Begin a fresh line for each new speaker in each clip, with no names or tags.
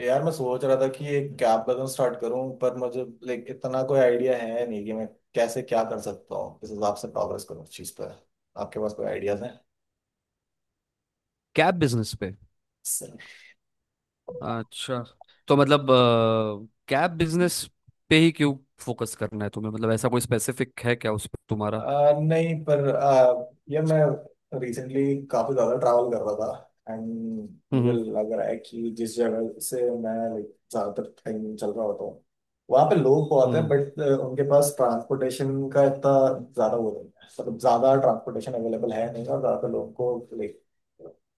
यार मैं सोच रहा था कि एक कैब बिजनेस स्टार्ट करूं पर मुझे लाइक इतना कोई आइडिया है नहीं कि मैं कैसे क्या कर सकता हूँ किस हिसाब से प्रोग्रेस करूँ उस चीज़ पर। आपके पास कोई आइडियाज
कैब बिजनेस पे।
हैं?
अच्छा। तो मतलब कैब बिजनेस पे ही क्यों फोकस करना है तुम्हें? मतलब ऐसा कोई स्पेसिफिक है क्या उस पर तुम्हारा?
नहीं पर ये मैं रिसेंटली काफी ज्यादा ट्रैवल कर रहा था एंड मुझे
हम्म।
लग रहा है कि जिस जगह से मैं लाइक ज्यादातर टाइम चल रहा होता हूँ वहाँ पे लोग बहुत हैं
हम्म।
बट उनके पास ट्रांसपोर्टेशन का इतना ज्यादा वो नहीं है। मतलब ज्यादा ट्रांसपोर्टेशन अवेलेबल है नहीं, और ज्यादातर लोगों को लाइक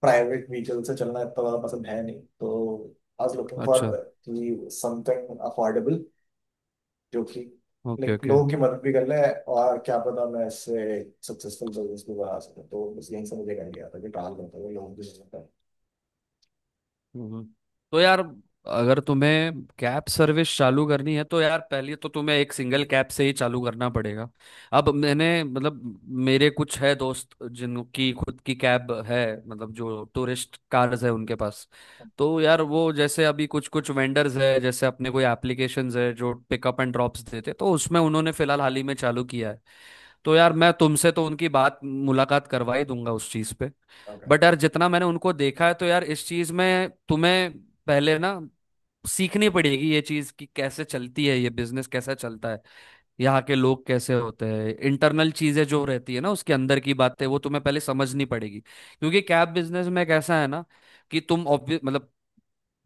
प्राइवेट व्हीकल से चलना इतना ज्यादा पसंद है नहीं, तो आई वाज लुकिंग
अच्छा।
फॉर समथिंग अफोर्डेबल जो कि
ओके।
Like
okay.
लोगों की मदद भी कर ले, और क्या पता मैं इससे सक्सेसफुल बिजनेस भी बना सकूं। तो बस यहीं से मुझे आइडिया आता है कि ट्रैवल करते हुए लोगों की मदद करना।
हम्म। तो यार, अगर तुम्हें कैब सर्विस चालू करनी है तो यार पहले तो तुम्हें एक सिंगल कैब से ही चालू करना पड़ेगा। अब मैंने मतलब मेरे कुछ है दोस्त जिनकी खुद की कैब है, मतलब जो टूरिस्ट कार्स है उनके पास। तो यार वो जैसे अभी कुछ कुछ वेंडर्स है, जैसे अपने कोई एप्लीकेशंस है जो पिकअप एंड ड्रॉप्स देते, तो उसमें उन्होंने फिलहाल हाल ही में चालू किया है। तो यार मैं तुमसे तो उनकी बात मुलाकात करवा ही दूंगा उस चीज पे।
ओके।
बट यार, जितना मैंने उनको देखा है तो यार इस चीज में तुम्हें पहले ना सीखनी पड़ेगी ये चीज, कि कैसे चलती है ये बिजनेस, कैसा चलता है, यहाँ के लोग कैसे होते हैं, इंटरनल चीजें जो रहती है ना उसके अंदर की बातें वो तुम्हें पहले समझनी पड़ेगी, क्योंकि कैब बिजनेस में कैसा है ना कि तुम मतलब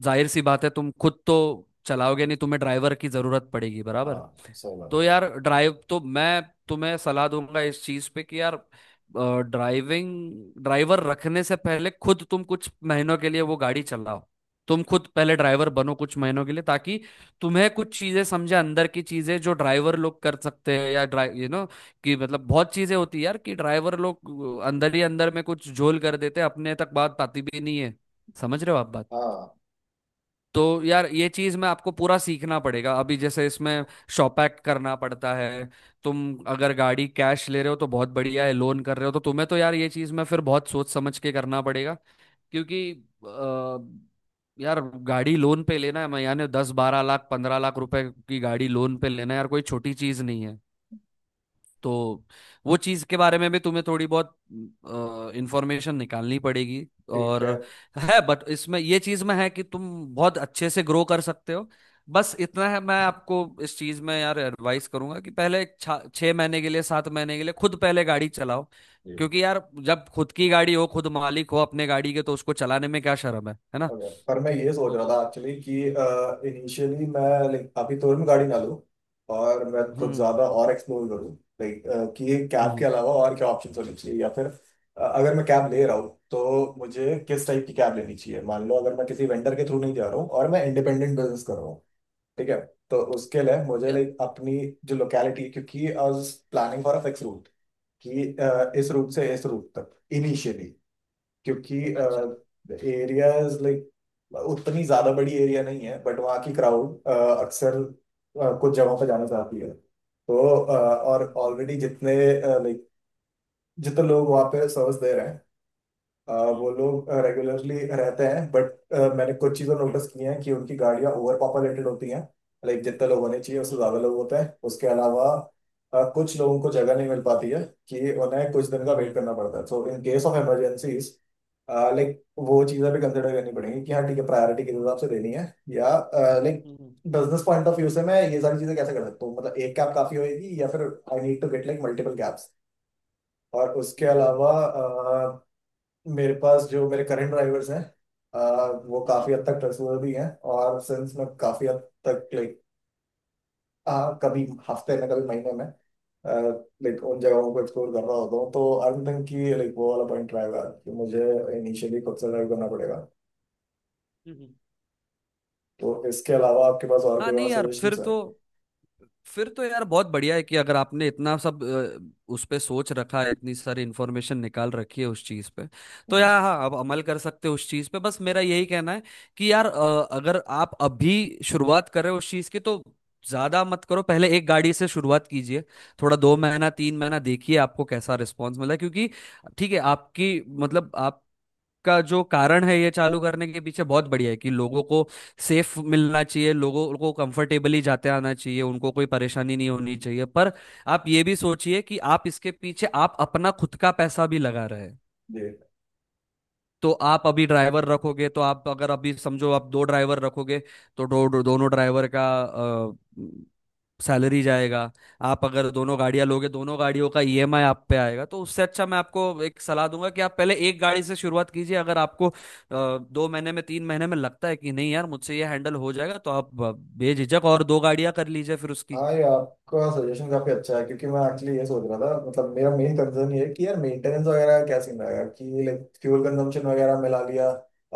जाहिर सी बात है तुम खुद तो चलाओगे नहीं, तुम्हें ड्राइवर की जरूरत पड़ेगी
हाँ
बराबर।
सही बात
तो
है।
यार ड्राइव तो मैं तुम्हें सलाह दूंगा इस चीज पे कि यार ड्राइविंग ड्राइवर रखने से पहले खुद तुम कुछ महीनों के लिए वो गाड़ी चलाओ। तुम खुद पहले ड्राइवर बनो कुछ महीनों के लिए, ताकि तुम्हें कुछ चीजें समझे, अंदर की चीजें जो ड्राइवर लोग कर सकते हैं या ड्राइव यू नो कि मतलब बहुत चीजें होती है यार, कि ड्राइवर लोग अंदर ही अंदर में कुछ झोल कर देते हैं, अपने तक बात पाती भी नहीं है। समझ रहे हो आप बात?
हाँ।
तो यार ये चीज में आपको पूरा सीखना पड़ेगा। अभी जैसे इसमें शॉप एक्ट करना पड़ता है। तुम अगर गाड़ी कैश ले रहे हो तो बहुत बढ़िया है, लोन कर रहे हो तो तुम्हें तो यार ये चीज में फिर बहुत सोच समझ के करना पड़ेगा, क्योंकि अ, यार गाड़ी लोन पे लेना है, मैं यानी 10-12 लाख 15 लाख रुपए की गाड़ी लोन पे लेना है यार, कोई छोटी चीज नहीं है। तो वो चीज के बारे में भी तुम्हें थोड़ी बहुत इंफॉर्मेशन निकालनी पड़ेगी।
ठीक
और
है।
है बट इसमें ये चीज में है कि तुम बहुत अच्छे से ग्रो कर सकते हो। बस इतना है मैं आपको इस चीज में यार एडवाइस करूंगा कि पहले एक 6 महीने के लिए 7 महीने के लिए खुद पहले गाड़ी चलाओ,
जी।
क्योंकि यार जब खुद की गाड़ी हो, खुद मालिक हो अपने गाड़ी के, तो उसको चलाने में क्या शर्म है ना?
ओके, पर मैं ये सोच रहा
तो
था एक्चुअली कि इनिशियली मैं लाइक अभी तुरंत गाड़ी ना लूँ, और मैं कुछ
हम्म।
ज़्यादा और एक्सप्लोर करूँ, लाइक कि कैब के
हम्म।
अलावा और क्या ऑप्शन होने चाहिए। या फिर अगर मैं कैब ले रहा हूँ तो मुझे किस टाइप की कैब लेनी चाहिए? मान लो अगर मैं किसी वेंडर के थ्रू नहीं जा रहा हूँ और मैं इंडिपेंडेंट बिजनेस कर रहा हूँ, ठीक है, तो उसके लिए मुझे
या-
लाइक अपनी जो लोकेलिटी, क्योंकि I was planning for a fix route कि इस
हम्म।
रूट से इस रूट तक इनिशियली, क्योंकि
अच्छा।
एरियाज लाइक उतनी ज्यादा बड़ी एरिया नहीं है बट वहाँ की क्राउड अक्सर कुछ जगहों पर जाना चाहती है, तो और
हम्म
ऑलरेडी जितने लाइक जितने लोग वहाँ पे सर्विस दे रहे हैं, वो
हम्म
लोग रेगुलरली रहते हैं, बट मैंने कुछ चीज़ें नोटिस की हैं कि उनकी गाड़ियाँ ओवर पॉपुलेटेड होती हैं, लाइक जितने लोग होने चाहिए
हम्म।
उससे
हम्म।
ज़्यादा लोग होते हैं। उसके अलावा कुछ लोगों को जगह नहीं मिल पाती है, कि उन्हें कुछ दिन का
हम्म। हम्म।
वेट करना पड़ता है। So in case of emergencies, like वो चीज़ें भी कंसिडर करनी पड़ेंगी कि हाँ ठीक है, प्रायोरिटी किस हिसाब से देनी है, या like
hmm.
Business point of view से मैं ये सारी चीज़ें कैसे कर सकता हूँ? मतलब एक कैब काफ़ी होगी या फिर I need to get like multiple cabs? और उसके
हम्म। हम्म।
अलावा, मेरे पास जो मेरे करंट ड्राइवर्स हैं वो
हम्म। हम्म।
काफी हद तक ट्रस्टवर्दी हैं। और सिंस मैं काफी हद तक लाइक, हाँ, कभी हफ्ते में कभी महीने में लाइक उन जगहों को एक्सप्लोर कर रहा होता हूँ, तो आई डोंट थिंक कि लाइक वो वाला पॉइंट रहेगा कि मुझे इनिशियली खुद से ड्राइव करना पड़ेगा।
हम्म।
तो इसके अलावा आपके पास और
हाँ
कोई और
नहीं यार,
सजेशन
फिर
है?
तो फिर तो यार बहुत बढ़िया है कि अगर आपने इतना सब उस पे सोच रखा है, इतनी सारी इंफॉर्मेशन निकाल रखी है उस चीज पे। तो
हम्म।
यार हाँ, आप अमल कर सकते हो उस चीज पे। बस मेरा यही कहना है कि यार अगर आप अभी शुरुआत कर रहे हो उस चीज की, तो ज्यादा मत करो, पहले एक गाड़ी से शुरुआत कीजिए। थोड़ा 2 महीना 3 महीना देखिए आपको कैसा रिस्पॉन्स मिला है। क्योंकि ठीक है आपकी मतलब आप का जो कारण है ये चालू करने के पीछे बहुत बढ़िया है, कि लोगों को सेफ मिलना चाहिए, लोगों को कंफर्टेबली जाते आना चाहिए, उनको कोई परेशानी नहीं होनी चाहिए। पर आप ये भी सोचिए कि आप इसके पीछे आप अपना खुद का पैसा भी लगा रहे हैं।
जी।
तो आप अभी ड्राइवर रखोगे, तो आप अगर अभी समझो आप दो ड्राइवर रखोगे, तो दो, दो, दोनों ड्राइवर का सैलरी जाएगा। आप अगर दोनों गाड़ियां लोगे, दोनों गाड़ियों का ईएमआई आप पे आएगा। तो उससे अच्छा मैं आपको एक सलाह दूंगा कि आप पहले एक गाड़ी से शुरुआत कीजिए। अगर आपको 2 महीने में 3 महीने में लगता है कि नहीं यार मुझसे ये हैंडल हो जाएगा, तो आप बेझिझक और दो गाड़ियां कर लीजिए फिर उसकी।
हाँ, ये आपका सजेशन काफी अच्छा है, क्योंकि मैं एक्चुअली ये सोच रहा था। मतलब मेरा मेन कंसर्न ये है कि यार मेंटेनेंस वगैरह का क्या सीन रहेगा, कि लाइक फ्यूल कंजम्पशन वगैरह मिला लिया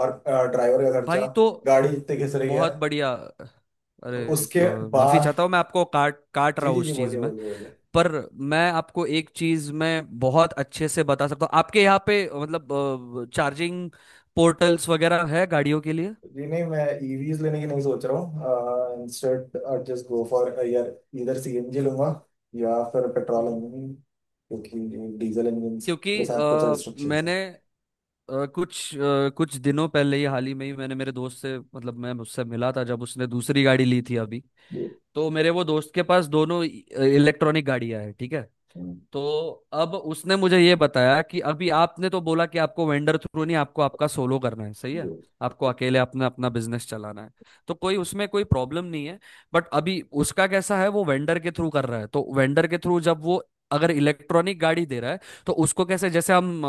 और ड्राइवर का खर्चा,
भाई तो
गाड़ी जितने घिस रही है,
बहुत बढ़िया! अरे
तो उसके
माफी
बाद।
चाहता हूँ, मैं आपको काट काट
जी
रहा हूँ
जी जी,
उस चीज
बोलिए
में।
बोलिए बोलिए।
पर मैं आपको एक चीज में बहुत अच्छे से बता सकता हूँ। आपके यहाँ पे मतलब चार्जिंग पोर्टल्स वगैरह है गाड़ियों के लिए?
जी नहीं, मैं ईवीज लेने की नहीं सोच रहा हूँ। Instead I just go for यार इधर सीएनजी लूंगा, या फिर पेट्रोल
हम्म।
इंजन, क्योंकि डीजल इंजन के
क्योंकि
साथ कुछ रिस्ट्रिक्शन है।
मैंने कुछ दिनों पहले ही, हाल ही में ही, मैंने मेरे दोस्त से, मतलब मैं उससे मिला था जब उसने दूसरी गाड़ी ली थी अभी।
जी।
तो मेरे वो दोस्त के पास दोनों इलेक्ट्रॉनिक गाड़ियां हैं, ठीक है?
हम्म,
तो अब उसने मुझे ये बताया कि अभी आपने तो बोला कि आपको वेंडर थ्रू नहीं, आपको आपका सोलो करना है, सही
जी
है? आपको अकेले अपना अपना बिजनेस चलाना है। तो कोई उसमें कोई प्रॉब्लम नहीं है। बट अभी उसका कैसा है, वो वेंडर के थ्रू कर रहा है। तो वेंडर के थ्रू जब वो अगर इलेक्ट्रॉनिक गाड़ी दे रहा है, तो उसको कैसे, जैसे हम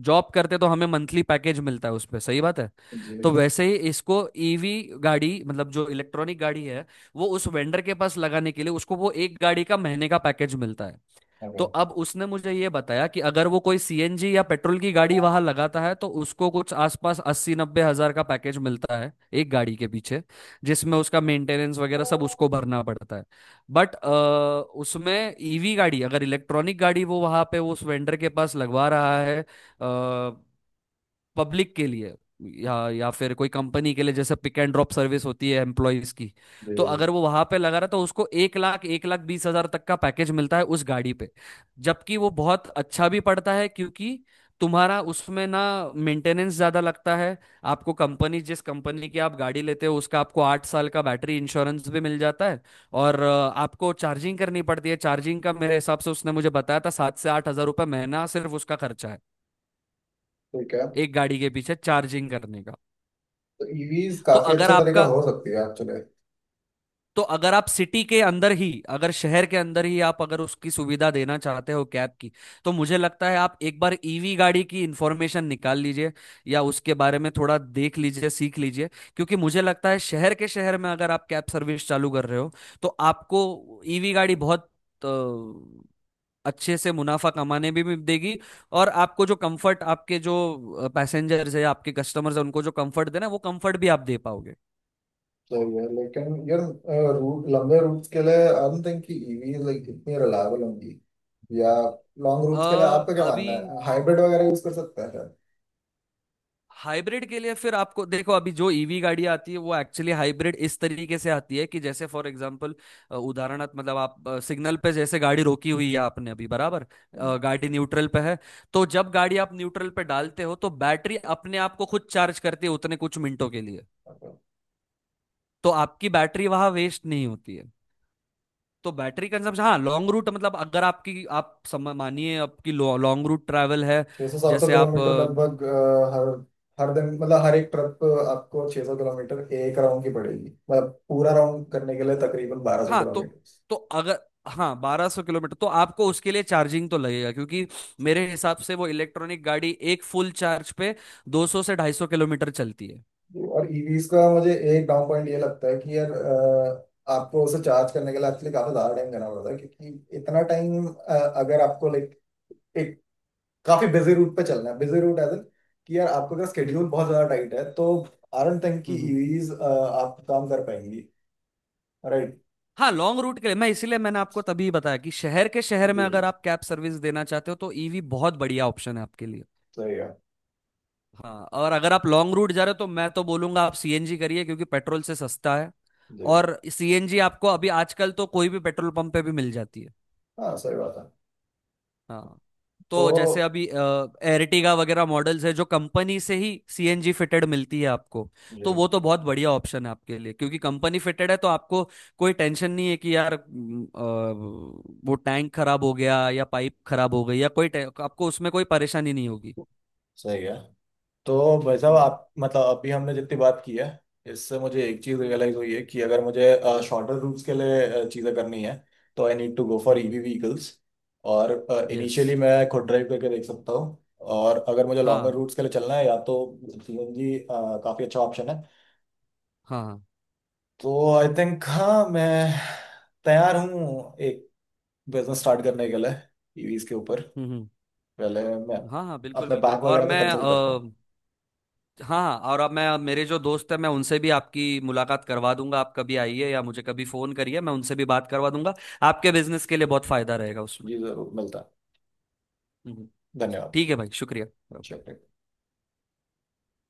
जॉब करते तो हमें मंथली पैकेज मिलता है उस पे, सही बात है? तो
जी,
वैसे ही इसको ईवी गाड़ी, मतलब जो इलेक्ट्रॉनिक गाड़ी है, वो उस वेंडर के पास लगाने के लिए उसको वो एक गाड़ी का महीने का पैकेज मिलता है।
हाँ,
तो
हाँ,
अब उसने मुझे ये बताया कि अगर वो कोई सीएनजी या पेट्रोल की गाड़ी वहां लगाता है तो उसको कुछ आसपास 80-90 हजार का पैकेज मिलता है एक गाड़ी के पीछे, जिसमें उसका मेंटेनेंस वगैरह सब उसको भरना पड़ता है। बट उसमें ईवी गाड़ी, अगर इलेक्ट्रॉनिक गाड़ी वो वहां पे उस वेंडर के पास लगवा रहा है पब्लिक के लिए या फिर कोई कंपनी के लिए, जैसे पिक एंड ड्रॉप सर्विस होती है एम्प्लॉयज की, तो अगर
जी।
वो वहां पे लगा रहा तो उसको 1 लाख 1 लाख 20 हजार तक का पैकेज मिलता है उस गाड़ी पे। जबकि वो बहुत अच्छा भी पड़ता है, क्योंकि तुम्हारा उसमें ना मेंटेनेंस ज्यादा लगता है। आपको कंपनी, जिस कंपनी की आप गाड़ी लेते हो उसका, आपको 8 साल का बैटरी इंश्योरेंस भी मिल जाता है। और आपको चार्जिंग करनी पड़ती है, चार्जिंग का मेरे हिसाब से उसने मुझे बताया था 7 से 8 हजार रुपये महीना सिर्फ उसका खर्चा है
ठीक है,
एक गाड़ी के पीछे चार्जिंग करने का।
तो ईवीज
तो
काफी
अगर
अच्छा तरीका
आपका,
हो सकती है एक्चुअली।
तो अगर आप सिटी के अंदर ही, अगर शहर के अंदर ही आप अगर उसकी सुविधा देना चाहते हो कैब की, तो मुझे लगता है आप एक बार ईवी गाड़ी की इंफॉर्मेशन निकाल लीजिए, या उसके बारे में थोड़ा देख लीजिए, सीख लीजिए। क्योंकि मुझे लगता है शहर के शहर में अगर आप कैब सर्विस चालू कर रहे हो, तो आपको ईवी गाड़ी बहुत अ, अच्छे से मुनाफा कमाने भी देगी। और आपको जो कंफर्ट, आपके जो पैसेंजर्स है, आपके कस्टमर्स है, उनको जो कंफर्ट देना है, वो कंफर्ट भी आप दे पाओगे।
तो ये लेकिन यार रूट, लंबे रूट्स के लिए आई डोंट थिंक कि ईवीज लाइक इतनी रिलायबल होंगी, या लॉन्ग रूट्स के लिए आपका क्या
अभी
मानना है, हाइब्रिड वगैरह यूज कर सकते हैं
हाइब्रिड के लिए फिर आपको देखो, अभी जो ईवी गाड़ी आती है वो एक्चुअली हाइब्रिड इस तरीके से आती है कि जैसे फॉर एग्जांपल, उदाहरणार्थ, मतलब आप सिग्नल पे जैसे गाड़ी रोकी हुई है आपने अभी बराबर,
शायद?
गाड़ी न्यूट्रल पे है, तो जब गाड़ी आप न्यूट्रल पे डालते हो तो बैटरी अपने आप को खुद चार्ज करती है उतने कुछ मिनटों के लिए। तो आपकी बैटरी वहां वेस्ट नहीं होती है। तो बैटरी कंजम्पशन, हाँ लॉन्ग रूट मतलब अगर आपकी, आप मानिए आपकी लॉन्ग रूट ट्रैवल है,
600-700
जैसे आप।
किलोमीटर लगभग हर हर दिन, मतलब हर एक ट्रिप आपको 600 किलोमीटर एक राउंड की पड़ेगी। मतलब पूरा राउंड करने के लिए तकरीबन 1200
हाँ तो
किलोमीटर।
तो अगर, हाँ 1200 किलोमीटर, तो आपको उसके लिए चार्जिंग तो लगेगा, क्योंकि मेरे हिसाब से वो इलेक्ट्रॉनिक गाड़ी एक फुल चार्ज पे 200 से 250 किलोमीटर चलती है।
और ईवीज का मुझे एक डाउन पॉइंट ये लगता है कि यार आपको उसे चार्ज करने के लिए एक्चुअली काफी ज्यादा टाइम देना पड़ता है, क्योंकि इतना टाइम अगर आपको लाइक एक काफी बिजी रूट पे चलना है, बिजी रूट एज एन, कि यार आपको अगर स्केड्यूल बहुत ज्यादा टाइट है तो आई डोंट थिंक कि
हम्म।
ईवीज आप काम कर पाएंगी। राइट।
हाँ लॉन्ग रूट के लिए मैं, इसीलिए मैंने आपको तभी बताया कि शहर के शहर
जी।
में अगर आप कैब सर्विस देना चाहते हो, तो ईवी बहुत बढ़िया ऑप्शन है आपके लिए।
सही है।
हाँ, और अगर आप लॉन्ग रूट जा रहे हो तो मैं तो बोलूंगा आप सीएनजी करिए, क्योंकि पेट्रोल से सस्ता है।
जी।
और सीएनजी आपको अभी आजकल तो कोई भी पेट्रोल पंप पे भी मिल जाती है।
हाँ सही बात है।
हाँ।
तो
तो जैसे अभी एरटिगा वगैरह मॉडल्स है जो कंपनी से ही सीएनजी फिटेड मिलती है आपको। तो
जी।
वो तो बहुत बढ़िया ऑप्शन है आपके लिए, क्योंकि कंपनी फिटेड है तो आपको कोई टेंशन नहीं है कि यार वो टैंक खराब हो गया या पाइप खराब हो गई या कोई आपको उसमें कोई परेशानी नहीं होगी।
सही है। तो भाई साहब आप, मतलब अभी हमने जितनी बात की है, इससे मुझे एक चीज
हम्म।
रियलाइज हुई है कि अगर मुझे शॉर्टर रूट्स के लिए चीजें करनी है, तो I need to go for
hmm.
EV vehicles, और
यस।
इनिशियली मैं खुद ड्राइव करके देख सकता हूँ। और अगर मुझे लॉन्गर
हाँ।
रूट्स के लिए चलना है या तो सीएनजी काफी अच्छा ऑप्शन है।
हाँ।
तो आई थिंक हाँ, मैं तैयार हूँ एक बिजनेस स्टार्ट करने के लिए ईवीज के ऊपर।
हम्म। हम्म।
पहले मैं
हाँ हाँ बिल्कुल
अपने
बिल्कुल।
बैंक
और
वगैरह से
मैं।
कंसल्ट करता हूँ।
हाँ, और अब मैं, अब मेरे जो दोस्त हैं मैं उनसे भी आपकी मुलाकात करवा दूंगा। आप कभी आइए या मुझे कभी फोन करिए, मैं उनसे भी बात करवा दूंगा। आपके बिजनेस के लिए बहुत फायदा रहेगा उसमें।
जी जरूर, मिलता
हम्म।
है, धन्यवाद।
ठीक है भाई, शुक्रिया।
चलिए।